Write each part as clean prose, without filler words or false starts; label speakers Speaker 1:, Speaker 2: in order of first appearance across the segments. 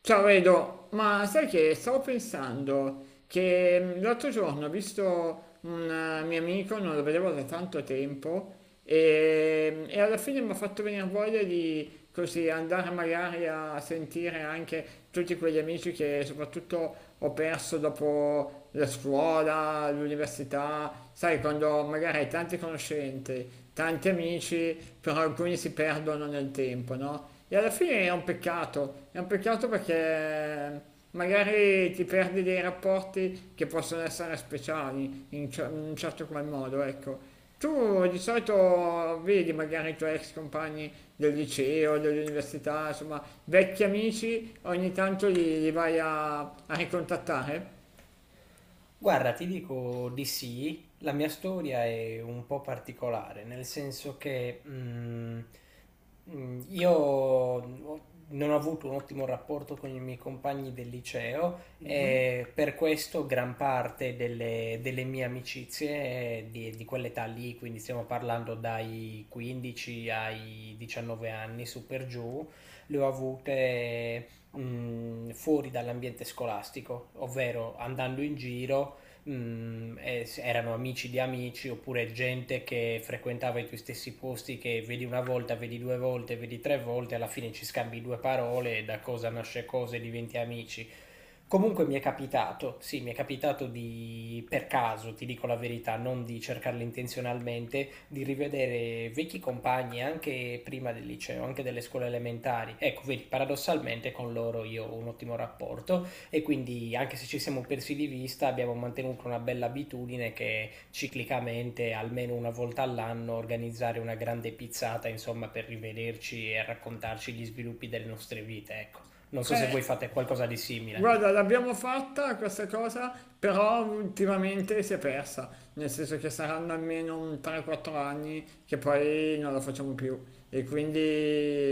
Speaker 1: Ciao Edo, ma sai che stavo pensando che l'altro giorno ho visto un mio amico, non lo vedevo da tanto tempo, e alla fine mi ha fatto venire voglia di così andare magari a sentire anche tutti quegli amici che soprattutto ho perso dopo la scuola, l'università, sai, quando magari hai tante conoscenze, tanti amici, però alcuni si perdono nel tempo, no? E alla fine è un peccato perché eh, magari ti perdi dei rapporti che possono essere speciali in un certo qual modo, ecco. Tu di solito vedi magari i tuoi ex compagni del liceo, dell'università, insomma, vecchi amici, ogni tanto li vai a ricontattare?
Speaker 2: Guarda, ti dico di sì, la mia storia è un po' particolare, nel senso che mm, io ho- non ho avuto un ottimo rapporto con i miei compagni del liceo
Speaker 1: Mhm.
Speaker 2: e per questo gran parte delle mie amicizie di quell'età lì, quindi stiamo parlando dai 15 ai 19 anni, su per giù, le ho avute... mm, fuori dall'ambiente scolastico, ovvero andando in giro erano amici di amici oppure gente che frequentava i tuoi stessi posti che vedi una volta, vedi due volte, vedi tre volte, alla fine ci scambi due parole e da cosa nasce cosa e diventi amici. Comunque mi è capitato, sì, mi è capitato di, per caso, ti dico la verità, non di cercarlo intenzionalmente, di rivedere vecchi compagni anche prima del liceo, anche delle scuole elementari. Ecco, vedi, paradossalmente con loro io ho un ottimo rapporto e quindi anche se ci siamo persi di vista abbiamo mantenuto una bella abitudine che ciclicamente, almeno una volta all'anno, organizzare una grande pizzata, insomma, per rivederci e raccontarci gli sviluppi delle nostre vite, ecco. Non so se
Speaker 1: Eh,
Speaker 2: voi fate qualcosa di
Speaker 1: guarda,
Speaker 2: simile.
Speaker 1: l'abbiamo fatta questa cosa, però ultimamente si è persa, nel senso che saranno almeno un 3-4 anni che poi non la facciamo più e quindi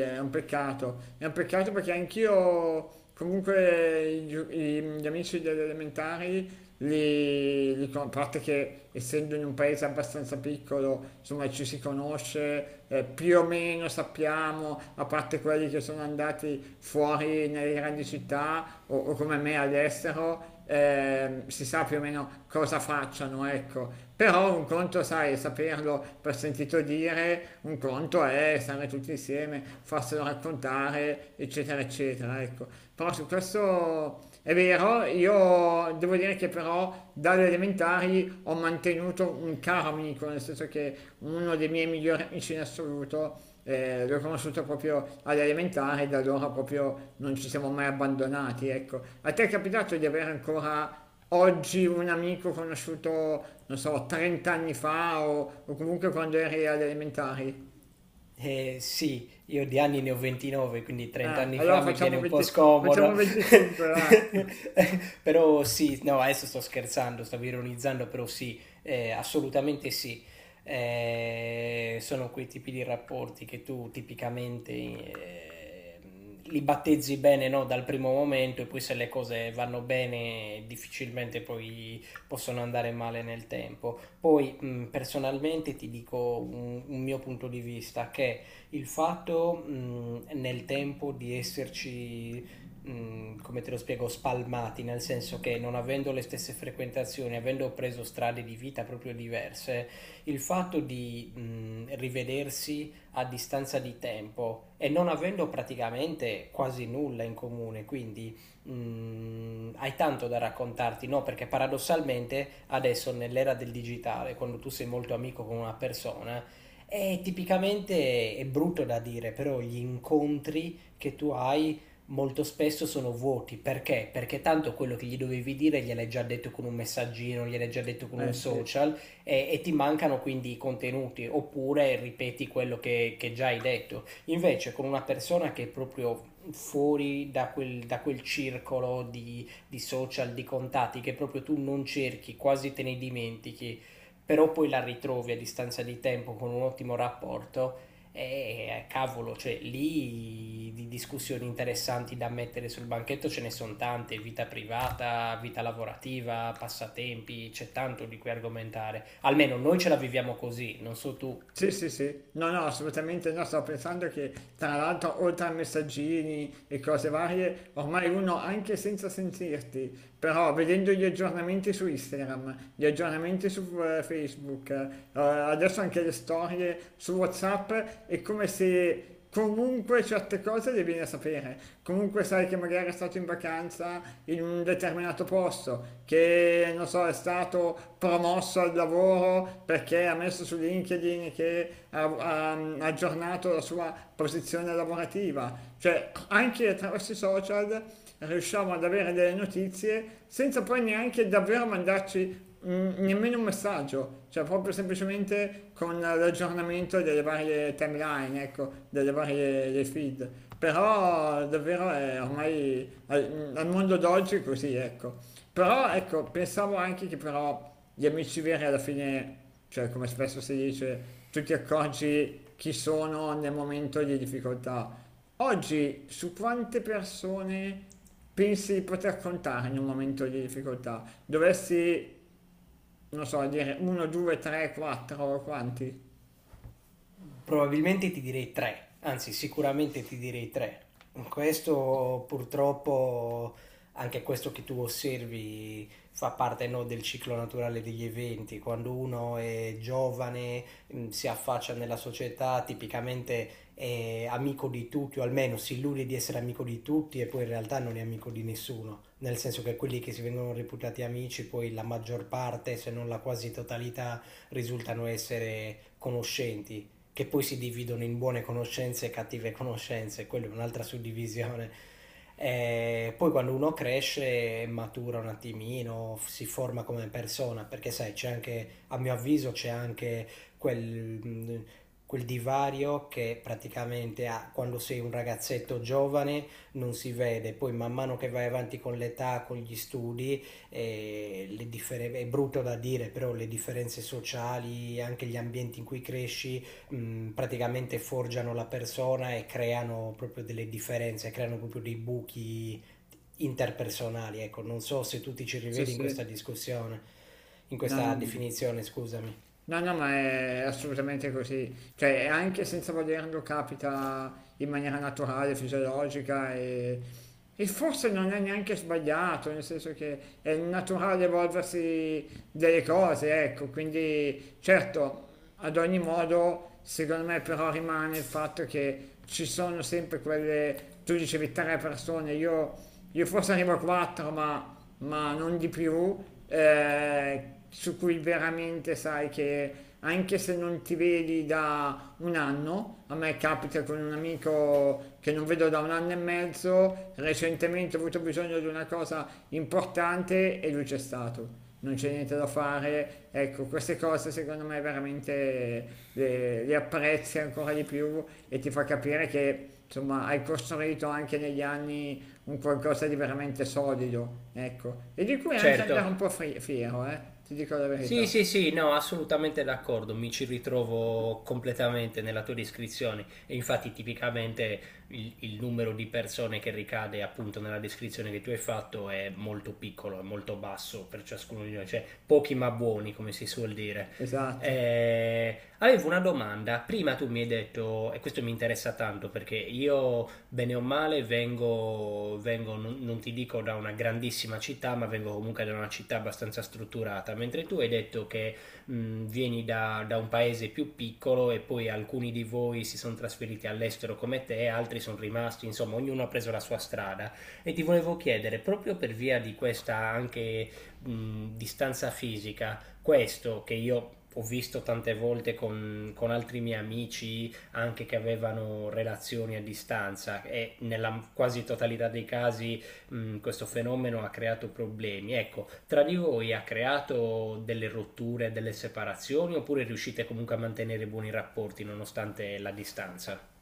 Speaker 1: è un peccato. È un peccato perché anch'io, comunque, gli amici delle elementari li a parte che essendo in un paese abbastanza piccolo, insomma ci si conosce, più o meno sappiamo, a parte quelli che sono andati fuori nelle grandi città o come me all'estero, si sa più o meno cosa facciano, ecco. Però un conto, sai, saperlo per sentito dire, un conto è stare tutti insieme, farselo raccontare, eccetera, eccetera, ecco. Però su questo è vero, io devo dire che però dalle elementari ho mantenuto un caro amico, nel senso che uno dei miei migliori amici in assoluto l'ho conosciuto proprio alle elementari e da allora proprio non ci siamo mai abbandonati, ecco. A te è capitato di avere ancora oggi un amico conosciuto, non so, 30 anni fa o comunque quando eri alle elementari?
Speaker 2: Eh sì, io di anni ne ho 29, quindi 30
Speaker 1: Ah,
Speaker 2: anni
Speaker 1: allora
Speaker 2: fa mi viene
Speaker 1: facciamo
Speaker 2: un po'
Speaker 1: 20 facciamo
Speaker 2: scomodo.
Speaker 1: 25, va.
Speaker 2: Però sì, no, adesso sto scherzando, stavo ironizzando, però sì, assolutamente sì. Sono quei tipi di rapporti che tu tipicamente li battezzi bene, no, dal primo momento e poi se le cose vanno bene difficilmente poi possono andare male nel tempo. Poi personalmente ti dico un mio punto di vista, che il fatto nel tempo di esserci, come te lo spiego, spalmati, nel senso che non avendo le stesse frequentazioni, avendo preso strade di vita proprio diverse, il fatto di rivedersi a distanza di tempo e non avendo praticamente quasi nulla in comune, quindi hai tanto da raccontarti, no? Perché paradossalmente adesso nell'era del digitale, quando tu sei molto amico con una persona, è brutto da dire, però gli incontri che tu hai molto spesso sono vuoti. Perché? Perché tanto quello che gli dovevi dire gliel'hai già detto con un messaggino, gliel'hai già detto con un
Speaker 1: Eh sì.
Speaker 2: social e ti mancano quindi i contenuti oppure ripeti quello che già hai detto. Invece con una persona che è proprio fuori da da quel circolo di social, di contatti che proprio tu non cerchi, quasi te ne dimentichi, però poi la ritrovi a distanza di tempo con un ottimo rapporto. E cavolo, cioè lì di discussioni interessanti da mettere sul banchetto ce ne sono tante, vita privata, vita lavorativa, passatempi, c'è tanto di cui argomentare. Almeno noi ce la viviamo così, non so tu.
Speaker 1: Sì, sì, sì, no, no, assolutamente no, stavo pensando che tra l'altro oltre a messaggini e cose varie, ormai uno anche senza sentirti, però vedendo gli aggiornamenti su Instagram, gli aggiornamenti su Facebook, adesso anche le storie su WhatsApp, è come se che comunque certe cose le vieni a sapere, comunque sai che magari è stato in vacanza in un determinato posto, che non so, è stato promosso al lavoro perché ha messo su LinkedIn che ha aggiornato la sua posizione lavorativa, cioè anche attraverso i social riusciamo ad avere delle notizie senza poi neanche davvero mandarci nemmeno un messaggio, cioè proprio semplicemente con l'aggiornamento delle varie timeline, ecco, delle varie dei feed. Però davvero è ormai al mondo d'oggi è così, ecco. Però ecco, pensavo anche che però gli amici veri alla fine, cioè come spesso si dice, tu ti accorgi chi sono nel momento di difficoltà. Oggi su quante persone pensi di poter contare in un momento di difficoltà? Dovessi non so, dire 1, 2, 3, 4 o quanti?
Speaker 2: Probabilmente ti direi tre, anzi sicuramente ti direi tre. Questo purtroppo, anche questo che tu osservi, fa parte no, del ciclo naturale degli eventi. Quando uno è giovane, si affaccia nella società, tipicamente è amico di tutti, o almeno si illude di essere amico di tutti e poi in realtà non è amico di nessuno. Nel senso che quelli che si vengono reputati amici, poi la maggior parte, se non la quasi totalità, risultano essere conoscenti che poi si dividono in buone conoscenze e cattive conoscenze, quella è un'altra suddivisione. E poi quando uno cresce matura un attimino, si forma come persona, perché sai, c'è anche, a mio avviso, c'è anche quel, quel divario che praticamente ha- quando sei un ragazzetto giovane non si vede, poi man mano che vai avanti con l'età, con gli studi, le differ- è brutto da dire, però le differenze sociali, anche gli ambienti in cui cresci, praticamente forgiano la persona e creano proprio delle differenze, creano proprio dei buchi interpersonali. Ecco, non so se tu ti ci
Speaker 1: Sì,
Speaker 2: rivedi in
Speaker 1: sì,
Speaker 2: questa discussione, in
Speaker 1: no, no,
Speaker 2: questa
Speaker 1: no.
Speaker 2: definizione, scusami.
Speaker 1: No, no, ma è assolutamente così. Cioè, anche senza volerlo capita in maniera naturale, fisiologica e forse non è neanche sbagliato, nel senso che è naturale evolversi delle cose, ecco. Quindi, certo, ad ogni modo, secondo me però rimane il fatto che ci sono sempre quelle, tu dicevi 3 persone, io forse arrivo a 4, ma non di più, eh, su cui veramente sai che anche se non ti vedi da un anno, a me capita con un amico che non vedo da un anno e mezzo, recentemente ho avuto bisogno di una cosa importante e lui c'è stato non c'è niente da fare. Ecco, queste cose secondo me veramente le apprezzi ancora di più e ti fa capire che insomma hai costruito anche negli anni un qualcosa di veramente solido, ecco, e di cui anche
Speaker 2: Certo.
Speaker 1: andare un po' fiero, ti dico la verità.
Speaker 2: Sì,
Speaker 1: Sì.
Speaker 2: sì, sì, no, assolutamente d'accordo, mi ci ritrovo completamente nella tua descrizione e infatti tipicamente il numero di persone che ricade appunto nella descrizione che tu hai fatto è molto piccolo, è molto basso per ciascuno di noi, cioè pochi ma buoni come si suol dire.
Speaker 1: Esatto.
Speaker 2: Avevo una domanda, prima tu mi hai detto, e questo mi interessa tanto perché io bene o male, vengo non ti dico da una grandissima città, ma vengo comunque da una città abbastanza strutturata, mentre tu hai detto che vieni da un paese più piccolo e poi alcuni di voi si sono trasferiti all'estero come te, altri sono rimasti, insomma, ognuno ha preso la sua strada. E ti volevo chiedere, proprio per via di questa anche distanza fisica, questo che io ho visto tante volte con altri miei amici anche che avevano relazioni a distanza e nella quasi totalità dei casi questo fenomeno ha creato problemi. Ecco, tra di voi ha creato delle rotture, delle separazioni oppure riuscite comunque a mantenere buoni rapporti nonostante la distanza?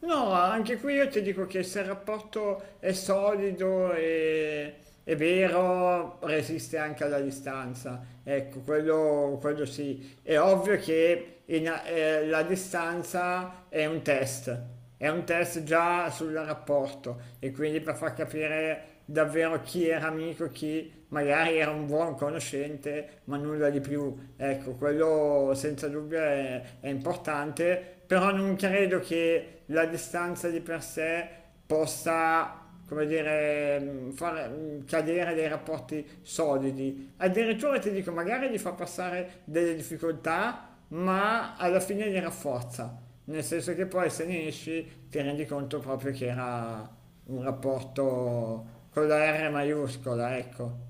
Speaker 1: No, anche qui io ti dico che se il rapporto è solido è vero, resiste anche alla distanza. Ecco, quello sì. È ovvio che la distanza è un test già sul rapporto e quindi per far capire davvero chi era amico, chi magari era un buon conoscente, ma nulla di più. Ecco, quello senza dubbio è importante però non credo che la distanza di per sé possa, come dire, far cadere dei rapporti solidi. Addirittura ti dico, magari gli fa passare delle difficoltà, ma alla fine li rafforza. Nel senso che poi se ne esci ti rendi conto proprio che era un rapporto con la R maiuscola, ecco.